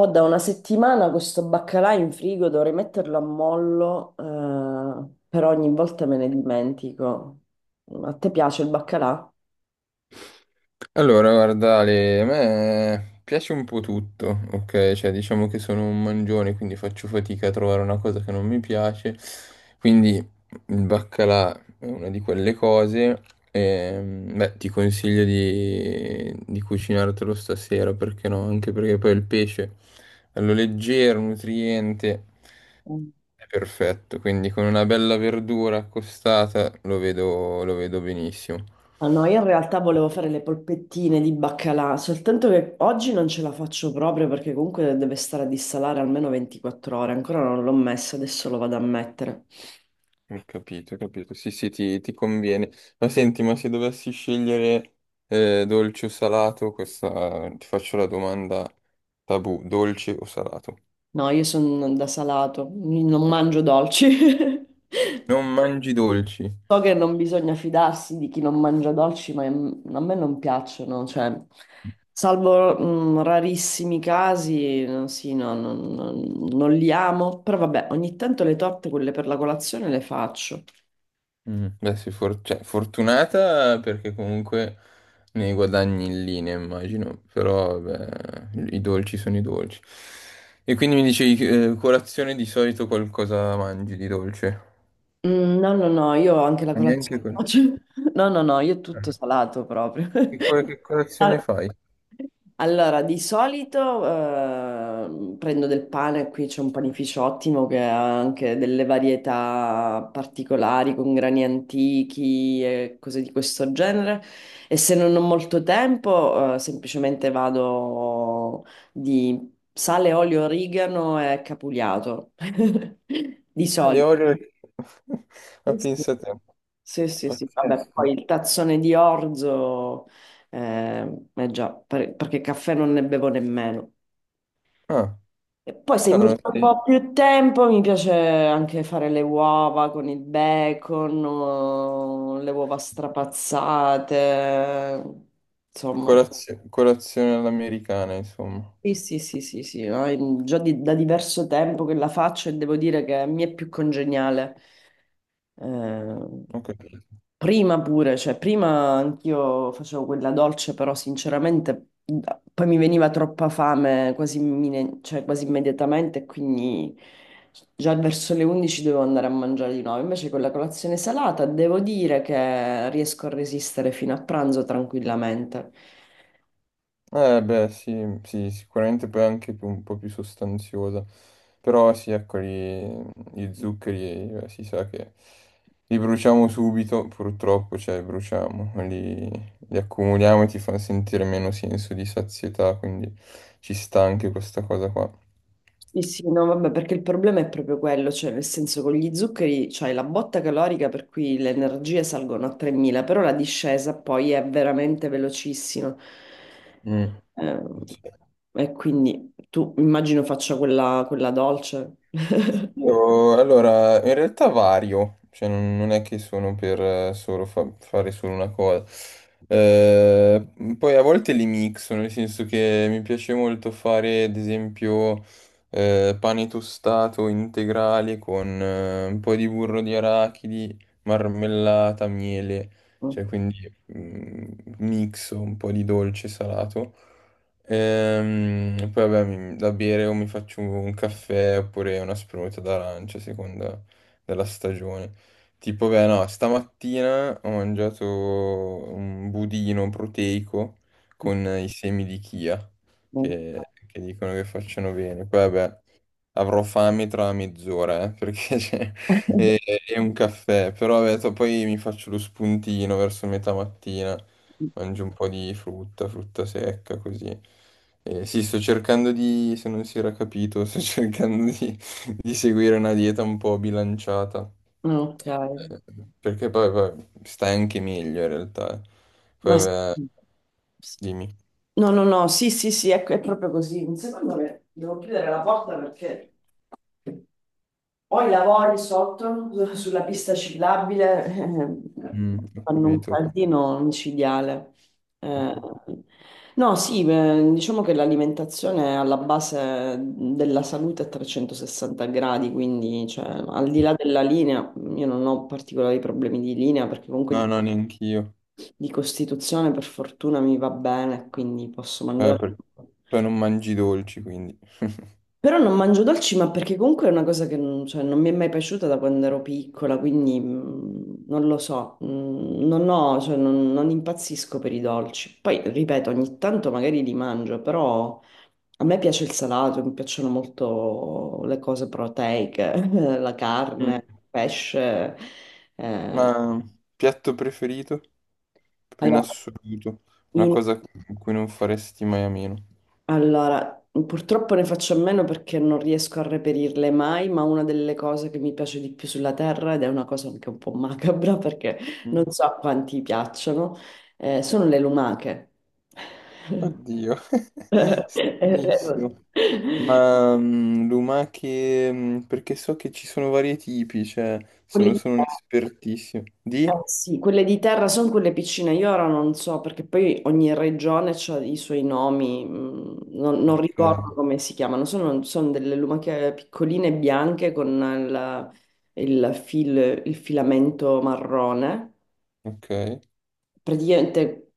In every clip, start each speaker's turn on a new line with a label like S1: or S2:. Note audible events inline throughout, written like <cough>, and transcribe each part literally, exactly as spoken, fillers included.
S1: Ho da una settimana questo baccalà in frigo, dovrei metterlo a mollo, eh, però ogni volta me ne dimentico. A te piace il baccalà?
S2: Allora, guarda, Ale, a me piace un po' tutto, ok? Cioè, diciamo che sono un mangione, quindi faccio fatica a trovare una cosa che non mi piace. Quindi il baccalà è una di quelle cose. Ehm, beh, ti consiglio di, di cucinartelo stasera, perché no? Anche perché poi il pesce, bello leggero, nutriente,
S1: Mm.
S2: è perfetto. Quindi con una bella verdura accostata lo vedo lo vedo benissimo.
S1: Ah, no, io in realtà volevo fare le polpettine di baccalà, soltanto che oggi non ce la faccio proprio perché comunque deve stare a dissalare almeno ventiquattro ore, ancora non l'ho messo, adesso lo vado a mettere.
S2: Ho capito, ho capito. Sì, sì, ti, ti conviene. Ma senti, ma se dovessi scegliere eh, dolce o salato, questa ti faccio la domanda tabù, dolce o salato?
S1: No, io sono da salato, non mangio dolci.
S2: Non
S1: <laughs>
S2: mangi dolci.
S1: So che non bisogna fidarsi di chi non mangia dolci, ma mm, a me non piacciono, cioè, salvo mm, rarissimi casi, eh, sì, no, non non- non li amo, però vabbè, ogni tanto le torte, quelle per la colazione, le faccio.
S2: Mm. Beh, sei for- cioè, fortunata perché comunque ne guadagni in linea, immagino, però vabbè, i dolci sono i dolci. E quindi mi dicevi, eh, colazione di solito qualcosa mangi di dolce?
S1: Mm, no, no, no, io ho anche la
S2: Ma neanche
S1: colazione
S2: quello.
S1: oggi. <laughs> No, no, no, io tutto salato proprio.
S2: Che, co-
S1: <laughs>
S2: che colazione
S1: Al-
S2: fai?
S1: Allora, di solito eh, prendo del pane, qui c'è un panificio ottimo che ha anche delle varietà particolari con grani antichi e cose di questo genere. E se non ho molto tempo, eh, semplicemente vado di sale, olio, origano e capugliato. <laughs> Di
S2: Ah, le
S1: solito.
S2: Oreo. <laughs> Ma
S1: Sì.
S2: pensa te.
S1: Sì, sì, sì, vabbè,
S2: Pazzesco.
S1: poi il tazzone di orzo, eh, eh già, per- perché caffè non ne bevo nemmeno.
S2: Ah,
S1: E poi se mi
S2: cavolo,
S1: metto un
S2: sì.
S1: po' più tempo, mi piace anche fare le uova con il bacon, o le uova strapazzate, insomma.
S2: Corazio- Colazione all'americana, insomma.
S1: Sì, sì, sì, sì, sì, no? È già di- da diverso tempo che la faccio e devo dire che mi è più congeniale. Eh,
S2: Ho capito.
S1: prima pure, cioè prima anch'io facevo quella dolce, però sinceramente da- poi mi veniva troppa fame quasi, immine- cioè, quasi immediatamente, e quindi già verso le undici dovevo andare a mangiare di nuovo. Invece con la colazione salata devo dire che riesco a resistere fino a pranzo tranquillamente.
S2: Eh, beh, sì, sì, sicuramente poi anche più- un po' più sostanziosa. Però sì, ecco, gli, gli zuccheri, eh, si sa che li bruciamo subito, purtroppo, cioè, bruciamo. Li, li accumuliamo e ti fa sentire meno senso di sazietà, quindi ci sta anche questa cosa qua.
S1: Sì, sì, no, vabbè, perché il problema è proprio quello, cioè nel senso con gli zuccheri c'hai la botta calorica per cui le energie salgono a tremila, però la discesa poi è veramente velocissima.
S2: Mm.
S1: Ehm,
S2: Sì.
S1: e quindi tu immagino faccia quella, quella dolce.
S2: Io, allora, in realtà vario, cioè non, non è che sono per eh, solo fa- fare solo una cosa. Eh, poi a volte li mixo, nel senso che mi piace molto fare, ad esempio, eh, pane tostato integrale con eh, un po' di burro di arachidi, marmellata, miele, cioè
S1: <laughs>
S2: quindi mm, mixo un po' di dolce salato. Ehm, poi vabbè, mi- da bere o mi faccio un caffè oppure una spremuta d'arancia a seconda della stagione. Tipo, beh, no, stamattina ho mangiato un budino proteico con i semi di chia che, che dicono che facciano bene. Poi vabbè, avrò fame tra mezz'ora, eh, perché <laughs> c'è è, è un caffè, però vabbè, to- poi mi faccio lo spuntino verso metà mattina, mangio un po' di frutta, frutta secca, così. Eh, sì, sto cercando di, se non si era capito, sto <laughs> cercando di, di seguire una dieta un po' bilanciata,
S1: Ok,
S2: eh, perché poi, poi stai anche meglio in realtà. Eh.
S1: ma
S2: Poi
S1: s-
S2: vabbè, dimmi.
S1: no, no, no, sì, sì, sì, ecco, è proprio così. Un secondo che devo chiudere la porta perché... Poi lavori sotto <laughs> sulla pista ciclabile, eh,
S2: Mm, ho
S1: fanno un
S2: capito.
S1: caldino incidiale. Eh, no, sì, eh, diciamo che l'alimentazione è alla base della salute a trecentosessanta gradi, quindi cioè, al di là della linea, io non ho particolari problemi di linea perché comunque
S2: No,
S1: di,
S2: no, neanch'io.
S1: di costituzione per fortuna mi va bene, quindi posso
S2: Eh,
S1: mangiare.
S2: Poi non mangi i dolci, quindi. <laughs>
S1: Però non mangio dolci, ma perché comunque è una cosa che non, cioè, non mi è mai piaciuta da quando ero piccola, quindi mh, non lo so, mh, non ho, cioè, non, non impazzisco per i dolci. Poi, ripeto, ogni tanto magari li mangio, però a me piace il salato, mi piacciono molto le cose proteiche, <laughs> la carne,
S2: Mm.
S1: il pesce, eh,
S2: Ma piatto preferito? Proprio
S1: alla
S2: in
S1: mattina.
S2: assoluto. Una cosa in cui non faresti mai a meno.
S1: Allora, purtroppo ne faccio a meno perché non riesco a reperirle mai, ma una delle cose che mi piace di più sulla Terra, ed è una cosa anche un po' macabra perché non
S2: Mm.
S1: so a quanti piacciono, eh, sono le lumache.
S2: Oddio, <laughs>
S1: <laughs>
S2: benissimo.
S1: Quelle
S2: Ma mm, lumache, mm, perché so che ci sono vari tipi, cioè sono,
S1: di
S2: sono un espertissimo. Di?
S1: eh, sì, quelle di terra sono quelle piccine, io ora non so perché poi ogni regione ha i suoi nomi, mm, non, non
S2: Ok,
S1: ricordo come si chiamano, sono, sono delle lumache piccoline bianche con il, il fil- il filamento marrone.
S2: ok.
S1: Praticamente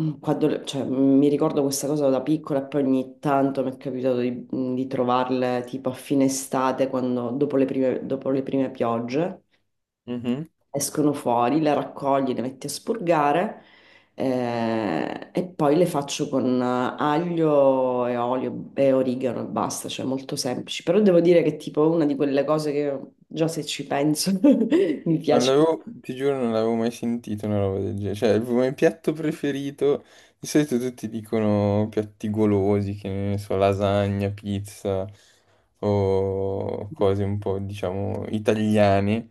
S1: mm, quando le- cioè, mm, mi ricordo questa cosa da piccola e poi ogni tanto mi è capitato di, di trovarle tipo a fine estate, quando- dopo le prime dopo le prime piogge
S2: Mhm.
S1: escono fuori, le raccogli, le metti a spurgare eh, e poi le faccio con eh, aglio e olio e origano e basta, cioè molto semplici. Però devo dire che è tipo una di quelle cose che già se ci penso <laughs> mi
S2: Non
S1: piace.
S2: l'avevo, ti giuro, non l'avevo mai sentito una roba del genere. Cioè, il mio piatto preferito, di solito tutti dicono piatti golosi, che ne so, lasagna, pizza o cose un po', diciamo, italiane.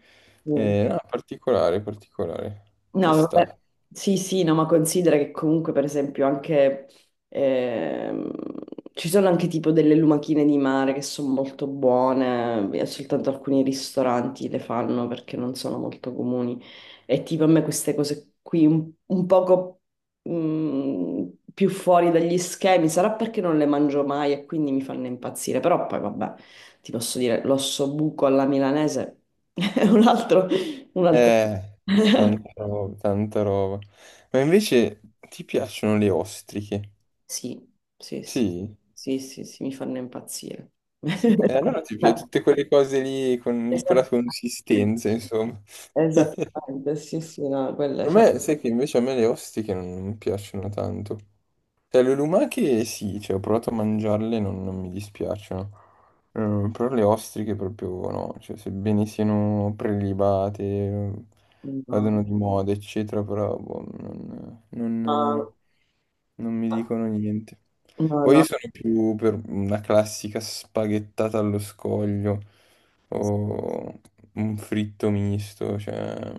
S2: Eh, no, particolare, particolare. Ci
S1: No, vabbè.
S2: sta.
S1: Sì, sì, no, ma considera che comunque, per esempio, anche ehm, ci sono anche tipo delle lumachine di mare che sono molto buone, e soltanto alcuni ristoranti le fanno perché non sono molto comuni. E tipo a me queste cose qui un, un poco mm, più fuori dagli schemi, sarà perché non le mangio mai e quindi mi fanno impazzire, però poi vabbè, ti posso dire, l'osso buco alla milanese <laughs> è un altro, un altro.
S2: Eh,
S1: <laughs>
S2: tanta roba, tanta roba. Ma invece ti piacciono le ostriche?
S1: Sì, sì, sì,
S2: Sì.
S1: sì, sì, sì, mi fanno impazzire.
S2: Sì, eh,
S1: <laughs>
S2: allora ti piace tutte quelle cose lì con- di quella
S1: Esatto.
S2: consistenza, insomma. <laughs>
S1: Esattamente, sì, sì, no, quelle
S2: Per
S1: sono...
S2: me, sai che invece a me le ostiche non, non piacciono tanto. Cioè, le lumache sì, cioè, ho provato a mangiarle, non, non mi dispiacciono. Eh, però le ostriche proprio no, cioè, sebbene siano prelibate, eh,
S1: No,
S2: vadano di moda, eccetera, però boh, non,
S1: no,
S2: non- non mi dicono niente.
S1: no,
S2: Poi io
S1: no,
S2: sono più per una classica spaghettata allo scoglio o un fritto misto, cioè,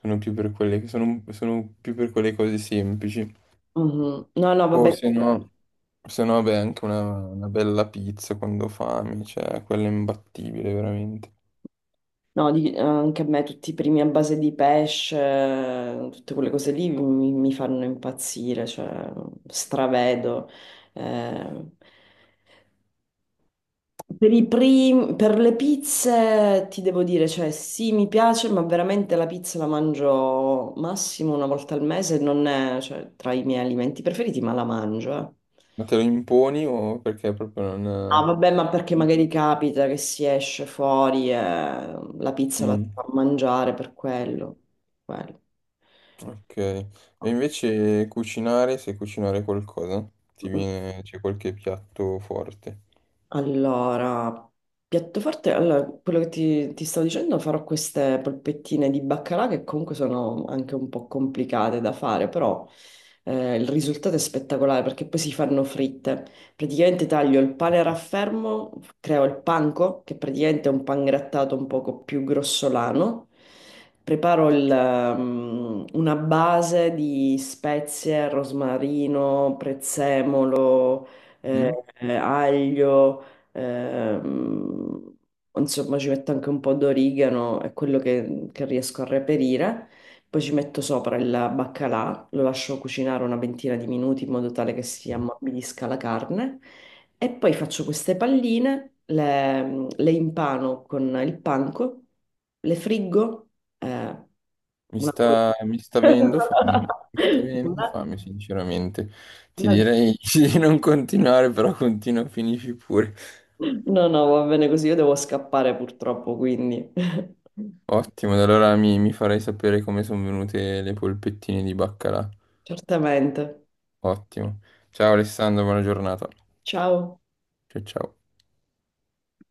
S2: sono più per quelle, sono sono più per quelle cose semplici.
S1: mhm. No, no,
S2: O
S1: vabbè,
S2: se no, se no, beh, anche una, una bella pizza quando ho fame, cioè, quella è imbattibile, veramente.
S1: no, di- anche a me tutti i primi a base di pesce, eh, tutte quelle cose lì mi, mi fanno impazzire, cioè stravedo. Eh. Per i prim- per le pizze ti devo dire, cioè sì, mi piace, ma veramente la pizza la mangio massimo una volta al mese, non è, cioè, tra i miei alimenti preferiti, ma la mangio. Eh.
S2: Ma te lo imponi o perché proprio
S1: Ah,
S2: non...
S1: vabbè, ma perché magari capita che si esce fuori e la pizza la
S2: Mm,
S1: si fa mangiare per quello.
S2: ok. E invece cucinare, se cucinare qualcosa, ti
S1: Quello.
S2: viene, c'è qualche piatto forte.
S1: Allora, piatto forte, allora, quello che ti, ti stavo dicendo, farò queste polpettine di baccalà che comunque sono anche un po' complicate da fare, però eh, il risultato è spettacolare perché poi si fanno fritte. Praticamente taglio il pane a raffermo, creo il panko, che praticamente è un pan grattato un poco più grossolano. Preparo il, ehm, una base di spezie, rosmarino, prezzemolo,
S2: Mhm.
S1: eh, eh, aglio. Ehm, insomma, ci metto anche un po' d'origano, è quello che, che riesco a reperire. Poi ci metto sopra il baccalà, lo lascio cucinare una ventina di minuti in modo tale che si ammorbidisca la carne. E poi faccio queste palline, le, le impano con il panco, le friggo, eh,
S2: Mi
S1: una...
S2: sta, mi sta
S1: <laughs>
S2: venendo fame, mi sta venendo
S1: una-
S2: fame, sinceramente. Ti
S1: una-
S2: direi <laughs> di non continuare, però continua, finisci pure.
S1: No, no, va bene così, io devo scappare purtroppo, quindi... <laughs>
S2: Ottimo, ad allora mi, mi farai sapere come sono venute le polpettine di baccalà.
S1: Certamente.
S2: Ottimo. Ciao Alessandro, buona giornata.
S1: Ciao.
S2: Ciao ciao.